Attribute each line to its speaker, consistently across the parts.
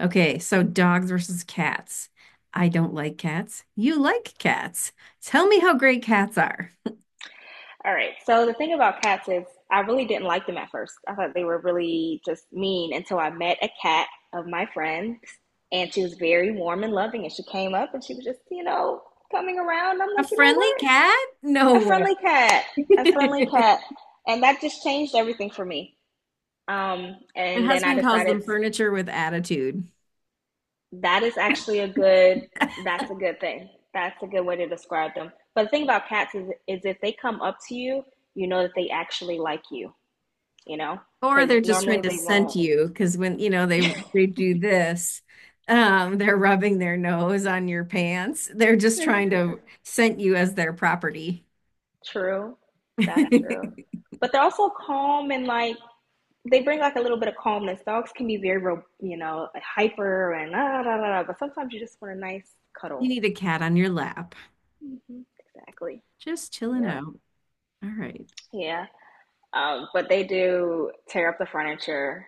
Speaker 1: Okay, so dogs versus cats. I don't like cats. You like cats. Tell me how great cats are.
Speaker 2: All right. So the thing about cats is I really didn't like them at first. I thought they were really just mean until I met a cat of my friend, and she was very warm and loving, and she came up and she was just, coming around. I'm
Speaker 1: A
Speaker 2: like, you know
Speaker 1: friendly
Speaker 2: what?
Speaker 1: cat?
Speaker 2: A
Speaker 1: No
Speaker 2: friendly cat. A
Speaker 1: way.
Speaker 2: friendly cat. And that just changed everything for me. Um,
Speaker 1: My
Speaker 2: and then I
Speaker 1: husband calls
Speaker 2: decided
Speaker 1: them furniture with attitude,
Speaker 2: that is actually a good that's a good thing. That's a good way to describe them. But the thing about cats is if they come up to you, you know that they actually like you,
Speaker 1: or
Speaker 2: because
Speaker 1: they're just trying
Speaker 2: normally
Speaker 1: to
Speaker 2: they
Speaker 1: scent
Speaker 2: won't.
Speaker 1: you because when you know they do this, they're rubbing their nose on your pants. They're just
Speaker 2: It's
Speaker 1: trying to
Speaker 2: just
Speaker 1: scent you as their property.
Speaker 2: True. That's true. But they're also calm, and like they bring like a little bit of calmness. Dogs can be very, you know, hyper and da, da, da, da, but sometimes you just want a nice
Speaker 1: You
Speaker 2: cuddle.
Speaker 1: need a cat on your lap,
Speaker 2: Hmm. Exactly.
Speaker 1: just chilling
Speaker 2: Yep.
Speaker 1: out. All right,
Speaker 2: Yeah. But they do tear up the furniture.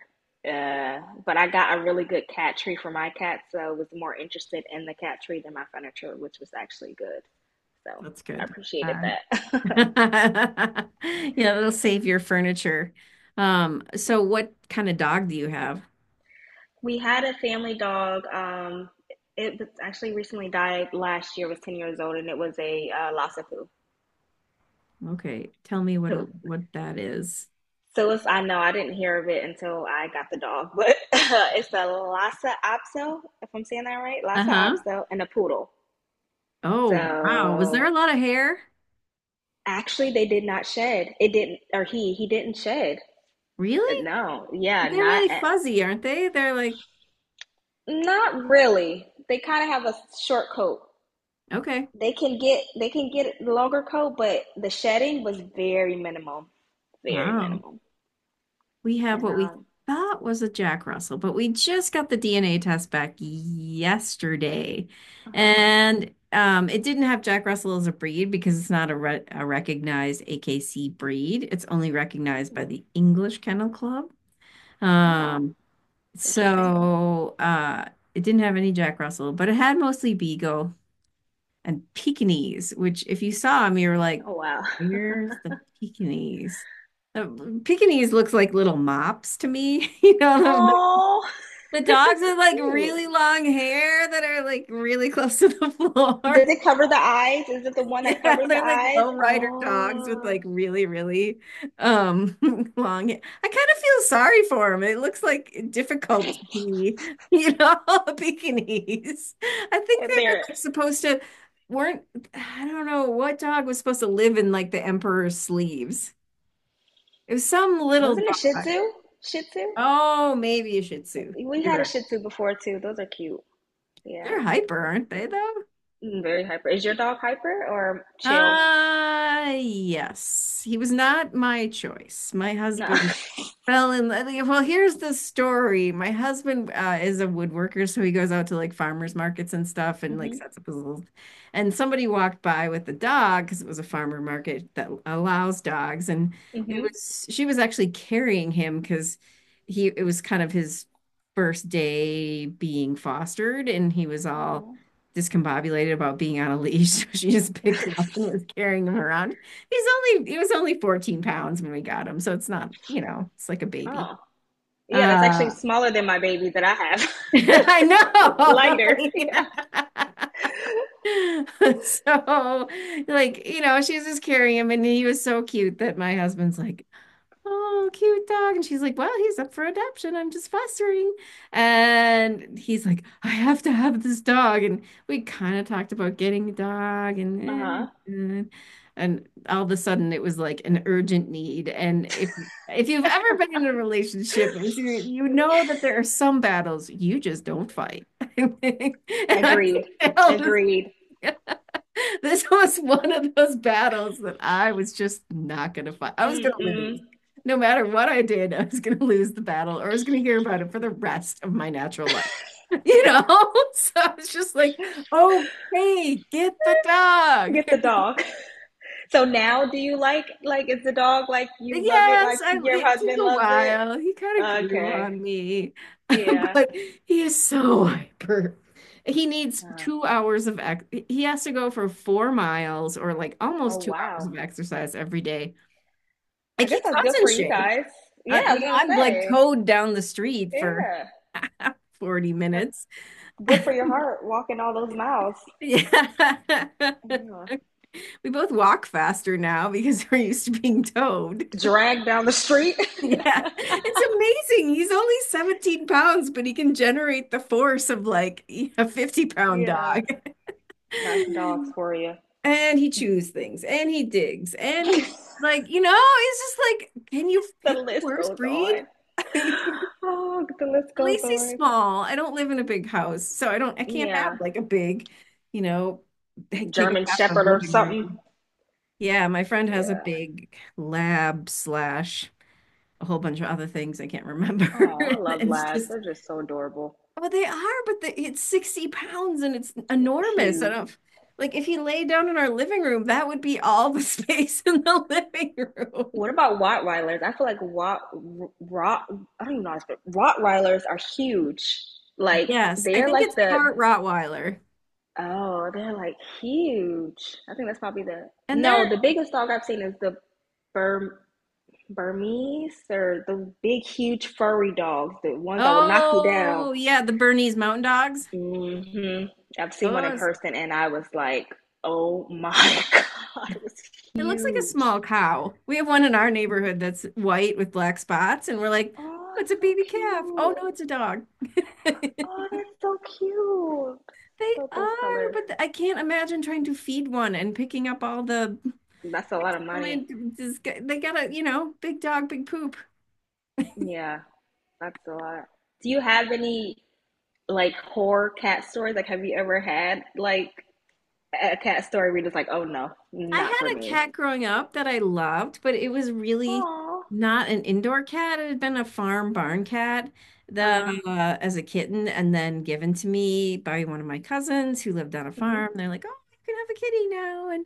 Speaker 2: Uh, but I got a really good cat tree for my cat, so I was more interested in the cat tree than my furniture, which was actually good. So
Speaker 1: that's
Speaker 2: I
Speaker 1: good.
Speaker 2: appreciated that.
Speaker 1: Yeah, that'll save your furniture. So what kind of dog do you have?
Speaker 2: We had a family dog. It was actually recently died last year. Was 10 years old, and it was a Lhasa Poo.
Speaker 1: Okay, tell me
Speaker 2: So,
Speaker 1: what that is.
Speaker 2: so it's, I know I didn't hear of it until I got the dog, but it's a Lhasa Apso, if I'm saying that right, Lhasa
Speaker 1: Uh-huh.
Speaker 2: Apso, and a poodle.
Speaker 1: Oh, wow. Was there a
Speaker 2: So
Speaker 1: lot of hair?
Speaker 2: actually, they did not shed. It didn't, or he didn't shed.
Speaker 1: Really?
Speaker 2: No, yeah,
Speaker 1: But they're
Speaker 2: not
Speaker 1: really fuzzy, aren't they? They're like,
Speaker 2: not really. They kind of have a short coat.
Speaker 1: okay.
Speaker 2: They can get the longer coat, but the shedding was very minimal, very
Speaker 1: Wow.
Speaker 2: minimal.
Speaker 1: We have
Speaker 2: And
Speaker 1: what we thought was a Jack Russell, but we just got the DNA test back yesterday.
Speaker 2: uh huh.
Speaker 1: And it didn't have Jack Russell as a breed because it's not a recognized AKC breed. It's only recognized by the English Kennel Club.
Speaker 2: Oh,
Speaker 1: Um,
Speaker 2: it's interesting.
Speaker 1: so uh, it didn't have any Jack Russell, but it had mostly Beagle and Pekingese, which if you saw them, you were like,
Speaker 2: Oh wow.
Speaker 1: where's the Pekingese? The Pekingese looks like little mops to me. You know,
Speaker 2: Oh,
Speaker 1: the dogs
Speaker 2: it's
Speaker 1: with like
Speaker 2: cute.
Speaker 1: really long hair that are like really close to the floor.
Speaker 2: Does it cover the eyes? Is it the one that
Speaker 1: Yeah,
Speaker 2: covers the
Speaker 1: they're like
Speaker 2: eyes?
Speaker 1: low rider dogs with
Speaker 2: Oh,
Speaker 1: like really, really um long. I kind of feel sorry for them. It looks like difficult to be, you know, bikinis. I think they were
Speaker 2: there
Speaker 1: like supposed to weren't. I don't know what dog was supposed to live in like the emperor's sleeves. It was some little
Speaker 2: wasn't a Shih
Speaker 1: dog.
Speaker 2: Tzu. Shih Tzu.
Speaker 1: Oh, maybe a Shih Tzu.
Speaker 2: We
Speaker 1: You're
Speaker 2: had a
Speaker 1: right.
Speaker 2: Shih Tzu before too. Those are cute. Yeah,
Speaker 1: They're hyper,
Speaker 2: those are
Speaker 1: aren't they
Speaker 2: cute.
Speaker 1: though?
Speaker 2: Mm, very hyper. Is your dog hyper or chill?
Speaker 1: Yes. He was not my choice. My
Speaker 2: No.
Speaker 1: husband fell in love. Like, well, here's the story. My husband is a woodworker, so he goes out to like farmers markets and stuff and like sets up his little. And somebody walked by with the dog because it was a farmer market that allows dogs. And
Speaker 2: Mm-hmm.
Speaker 1: she was actually carrying him because it was kind of his first day being fostered and he was all
Speaker 2: Oh.
Speaker 1: discombobulated about being on a leash. So she just picked him up and was carrying him around. He's he was only 14 pounds when we got him. So it's not, you know, it's like a baby.
Speaker 2: Oh. Yeah, that's actually
Speaker 1: Uh,
Speaker 2: smaller than my baby that I have.
Speaker 1: I know.
Speaker 2: Lighter.
Speaker 1: So like, you know, she's just carrying him and he was so cute that my husband's like, oh, cute dog. And she's like, well, he's up for adoption. I'm just fostering. And he's like, I have to have this dog. And we kind of talked about getting a dog and
Speaker 2: Uh-huh.
Speaker 1: and all of a sudden it was like an urgent need. And if you've ever been in a relationship, you know that there are some battles you just don't fight. And I
Speaker 2: Agreed.
Speaker 1: failed.
Speaker 2: Agreed.
Speaker 1: This was one of those battles that I was just not going to fight. I was going to
Speaker 2: Mm-mm.
Speaker 1: lose. No matter what I did, I was going to lose the battle or I was going to hear about it for the rest of my natural life. You know? So I was just like, okay, get the dog.
Speaker 2: Get the dog. So now do you like is the dog like you love it like
Speaker 1: Yes, I,
Speaker 2: your
Speaker 1: it
Speaker 2: husband
Speaker 1: took a
Speaker 2: loves it?
Speaker 1: while. He kind of grew
Speaker 2: Okay.
Speaker 1: on me,
Speaker 2: Yeah.
Speaker 1: but he is so hyper. He needs
Speaker 2: Uh,
Speaker 1: two hours of ex he has to go for 4 miles or like
Speaker 2: oh
Speaker 1: almost 2 hours
Speaker 2: wow.
Speaker 1: of exercise every day. I
Speaker 2: I guess
Speaker 1: keep
Speaker 2: that's good
Speaker 1: us in
Speaker 2: for you
Speaker 1: shape.
Speaker 2: guys. Yeah, I
Speaker 1: You
Speaker 2: was
Speaker 1: know,
Speaker 2: gonna
Speaker 1: I'm like
Speaker 2: say.
Speaker 1: towed down the street for
Speaker 2: Yeah.
Speaker 1: 40
Speaker 2: That's
Speaker 1: minutes.
Speaker 2: good for your heart walking all those miles.
Speaker 1: Yeah.
Speaker 2: Yeah.
Speaker 1: We both walk faster now because we're used to being towed.
Speaker 2: Drag down the street.
Speaker 1: Yeah. It's amazing. He's only 17 pounds, but he can generate the force of like a 50 pound
Speaker 2: Yeah.
Speaker 1: dog.
Speaker 2: That's dogs for you.
Speaker 1: And he chews things and he digs and he like, you know, it's just like, can you
Speaker 2: The
Speaker 1: pick the
Speaker 2: list
Speaker 1: worst
Speaker 2: goes
Speaker 1: breed?
Speaker 2: on. Oh, the list
Speaker 1: At
Speaker 2: goes
Speaker 1: least he's
Speaker 2: on.
Speaker 1: small. I don't live in a big house, so I can't have
Speaker 2: Yeah.
Speaker 1: like a big, you know, take up
Speaker 2: German
Speaker 1: half of
Speaker 2: Shepherd or
Speaker 1: living
Speaker 2: something.
Speaker 1: room. Yeah, my friend has a
Speaker 2: Yeah.
Speaker 1: big lab slash a whole bunch of other things I can't
Speaker 2: Oh,
Speaker 1: remember.
Speaker 2: I love
Speaker 1: And It's
Speaker 2: labs.
Speaker 1: just
Speaker 2: They're just so adorable.
Speaker 1: well, they are, but it's 60 pounds and it's enormous. I
Speaker 2: Huge.
Speaker 1: don't like if you lay down in our living room, that would be all the space in the living room.
Speaker 2: What about Rottweilers? I feel like Rott, I don't even know how to speak. Rottweilers are huge. Like,
Speaker 1: Yes, I
Speaker 2: they're
Speaker 1: think
Speaker 2: like
Speaker 1: it's
Speaker 2: the,
Speaker 1: part Rottweiler.
Speaker 2: oh, they're like huge. I think that's probably the,
Speaker 1: And
Speaker 2: no,
Speaker 1: they're,
Speaker 2: the biggest dog I've seen is the Burm, Burmese or the big, huge, furry dogs, the ones that will knock you down.
Speaker 1: oh, yeah, the Bernese Mountain Dogs.
Speaker 2: Hmm. I've seen one in
Speaker 1: Goes.
Speaker 2: person and I was like, oh my God, it was
Speaker 1: It looks like a
Speaker 2: huge.
Speaker 1: small cow. We have one in our neighborhood that's white with black spots, and we're like,
Speaker 2: Oh,
Speaker 1: oh, it's a
Speaker 2: it's so
Speaker 1: baby calf. Oh
Speaker 2: cute.
Speaker 1: no, it's a dog.
Speaker 2: Oh, that's so cute.
Speaker 1: They
Speaker 2: Love those
Speaker 1: are,
Speaker 2: colors.
Speaker 1: but I can't imagine trying to feed one and picking up all the.
Speaker 2: That's a lot of
Speaker 1: I
Speaker 2: money.
Speaker 1: mean, they got a, you know, big dog, big poop.
Speaker 2: Yeah, that's a lot. Do you have any like horror cat stories? Like, have you ever had like a cat story where you're just like, oh no,
Speaker 1: I
Speaker 2: not for
Speaker 1: had a
Speaker 2: me?
Speaker 1: cat growing up that I loved, but it was really
Speaker 2: Oh,
Speaker 1: not an indoor cat. It had been a farm barn cat the
Speaker 2: uh-huh.
Speaker 1: as a kitten and then given to me by one of my cousins who lived on a
Speaker 2: Hmm.
Speaker 1: farm. They're like, "Oh, you can have a kitty now." And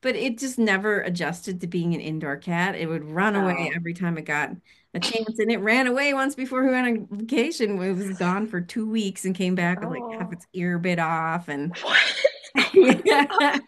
Speaker 1: but it just never adjusted to being an indoor cat. It would run away
Speaker 2: Oh.
Speaker 1: every time it got a chance, and it ran away once before we went on vacation. It was gone for 2 weeks and came back with like
Speaker 2: Oh.
Speaker 1: half its ear bit off, and
Speaker 2: What? Oh my
Speaker 1: yeah.
Speaker 2: god.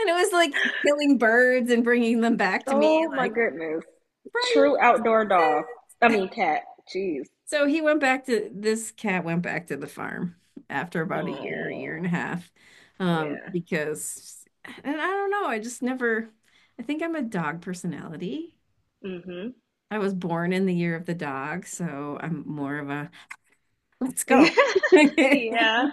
Speaker 1: And it was like killing birds and bringing them back to me,
Speaker 2: Oh my
Speaker 1: like
Speaker 2: goodness.
Speaker 1: Brian.
Speaker 2: True outdoor dog. I mean cat. Jeez.
Speaker 1: So he went back to this cat went back to the farm after about a year, year and
Speaker 2: Oh.
Speaker 1: a half, um,
Speaker 2: Yeah.
Speaker 1: because, and I don't know, I just never. I think I'm a dog personality.
Speaker 2: Hmm.
Speaker 1: I was born in the year of the dog, so I'm more of a let's go.
Speaker 2: Yeah. Yeah.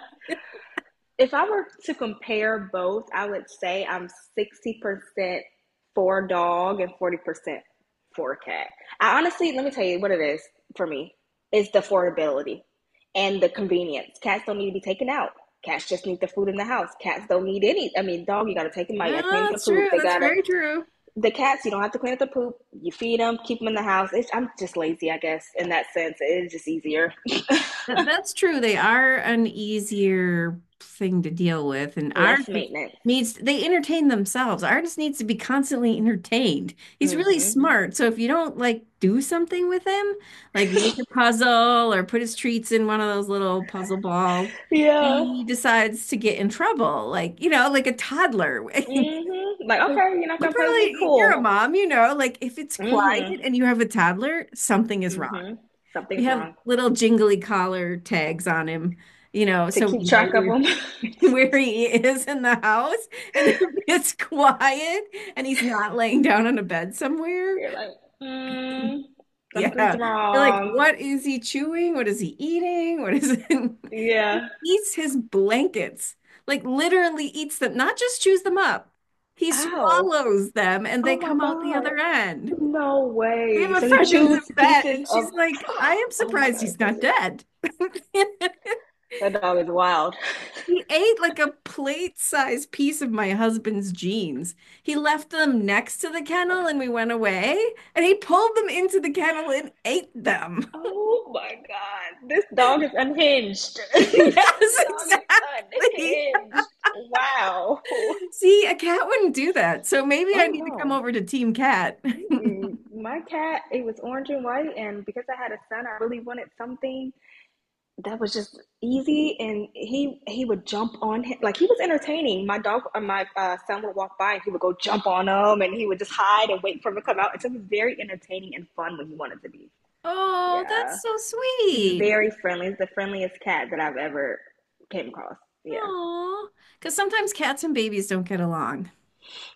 Speaker 2: If I were to compare both, I would say I'm 60% for dog and 40% for cat. I honestly, let me tell you what it is for me. It's the affordability and the convenience. Cats don't need to be taken out. Cats just need the food in the house. Cats don't need any. I mean, dog, you gotta take them out. You
Speaker 1: Well,
Speaker 2: gotta clean up the
Speaker 1: that's true.
Speaker 2: poop. They
Speaker 1: That's
Speaker 2: gotta
Speaker 1: very true.
Speaker 2: the cats. You don't have to clean up the poop. You feed them, keep them in the house. It's, I'm just lazy, I guess, in that sense. It is just easier,
Speaker 1: That, that's true. They are an easier thing to deal with, and ours
Speaker 2: less
Speaker 1: just
Speaker 2: maintenance.
Speaker 1: needs they entertain themselves. Artist needs to be constantly entertained. He's really
Speaker 2: Hmm.
Speaker 1: smart, so if you don't like do something with him, like make a puzzle or put his treats in one of those little puzzle balls,
Speaker 2: Yeah.
Speaker 1: he decides to get in trouble. Like, you know, like a toddler.
Speaker 2: Mm-hmm. Like, okay, you're not
Speaker 1: But
Speaker 2: gonna play with me?
Speaker 1: you're a
Speaker 2: Cool.
Speaker 1: mom, you know, like if it's quiet
Speaker 2: Mm-hmm.
Speaker 1: and you have a toddler, something is wrong.
Speaker 2: Mm-hmm.
Speaker 1: We
Speaker 2: Something's
Speaker 1: have
Speaker 2: wrong.
Speaker 1: little jingly collar tags on him, you know,
Speaker 2: To
Speaker 1: so we
Speaker 2: keep
Speaker 1: know
Speaker 2: track of
Speaker 1: where,
Speaker 2: them,
Speaker 1: where he is in the house. And if it's quiet and he's not laying down on a bed somewhere,
Speaker 2: you're like, mm, something's
Speaker 1: yeah. You're like,
Speaker 2: wrong.
Speaker 1: what is he chewing? What is he eating? What is it?
Speaker 2: Yeah.
Speaker 1: Eats his blankets, like literally eats them, not just chews them up. He
Speaker 2: Ow.
Speaker 1: swallows them and they
Speaker 2: Oh my
Speaker 1: come out the other
Speaker 2: God.
Speaker 1: end.
Speaker 2: No
Speaker 1: We have
Speaker 2: way.
Speaker 1: a
Speaker 2: So he
Speaker 1: friend who's
Speaker 2: chews
Speaker 1: a vet,
Speaker 2: pieces
Speaker 1: and
Speaker 2: of.
Speaker 1: she's like, I am
Speaker 2: Oh my
Speaker 1: surprised
Speaker 2: God,
Speaker 1: he's
Speaker 2: that's
Speaker 1: not
Speaker 2: crazy.
Speaker 1: dead.
Speaker 2: That dog is wild.
Speaker 1: He ate like a plate-sized piece of my husband's jeans. He left them next to the kennel and we went away, and he pulled them into the kennel and ate them.
Speaker 2: Oh my God. This dog is unhinged. This
Speaker 1: Yes,
Speaker 2: dog is
Speaker 1: exactly.
Speaker 2: unhinged. Wow.
Speaker 1: See, a cat wouldn't do that. So maybe I
Speaker 2: Oh
Speaker 1: need to come
Speaker 2: no.
Speaker 1: over to Team Cat.
Speaker 2: Mm-mm. My cat, it was orange and white, and because I had a son, I really wanted something that was just easy. And he would jump on him, like he was entertaining. My dog, my son would walk by, and he would go jump on him, and he would just hide and wait for him to come out. And so he was very entertaining and fun when he wanted to be.
Speaker 1: Oh, that's
Speaker 2: Yeah,
Speaker 1: so
Speaker 2: he's
Speaker 1: sweet.
Speaker 2: very friendly. He's the friendliest cat that I've ever came across. Yeah.
Speaker 1: Oh, because sometimes cats and babies don't get along.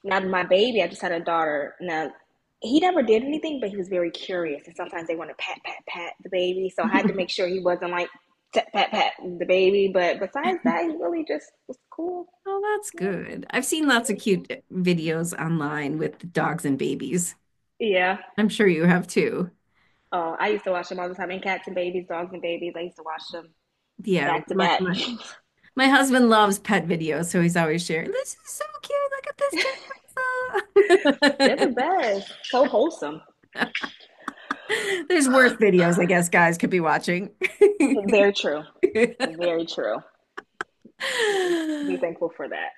Speaker 2: Now my baby, I just had a daughter. Now he never did anything, but he was very curious, and sometimes they want to pat pat pat the baby. So I had to make sure he wasn't like pat pat pat the baby. But besides that, he really just was cool.
Speaker 1: Oh, that's
Speaker 2: Yeah,
Speaker 1: good. I've seen
Speaker 2: he
Speaker 1: lots of
Speaker 2: was cool.
Speaker 1: cute videos online with dogs and babies.
Speaker 2: Yeah.
Speaker 1: I'm sure you have too.
Speaker 2: Oh, I used to watch them all the time. And cats and babies, dogs and babies. I used to watch them
Speaker 1: Yeah,
Speaker 2: back to back.
Speaker 1: my husband loves pet videos, so he's always sharing. This is so cute. Look at this
Speaker 2: They're the
Speaker 1: chimpanzee.
Speaker 2: best. So wholesome.
Speaker 1: There's worse videos, I guess, guys could be watching.
Speaker 2: Very true. Very true. Mm, be thankful for that.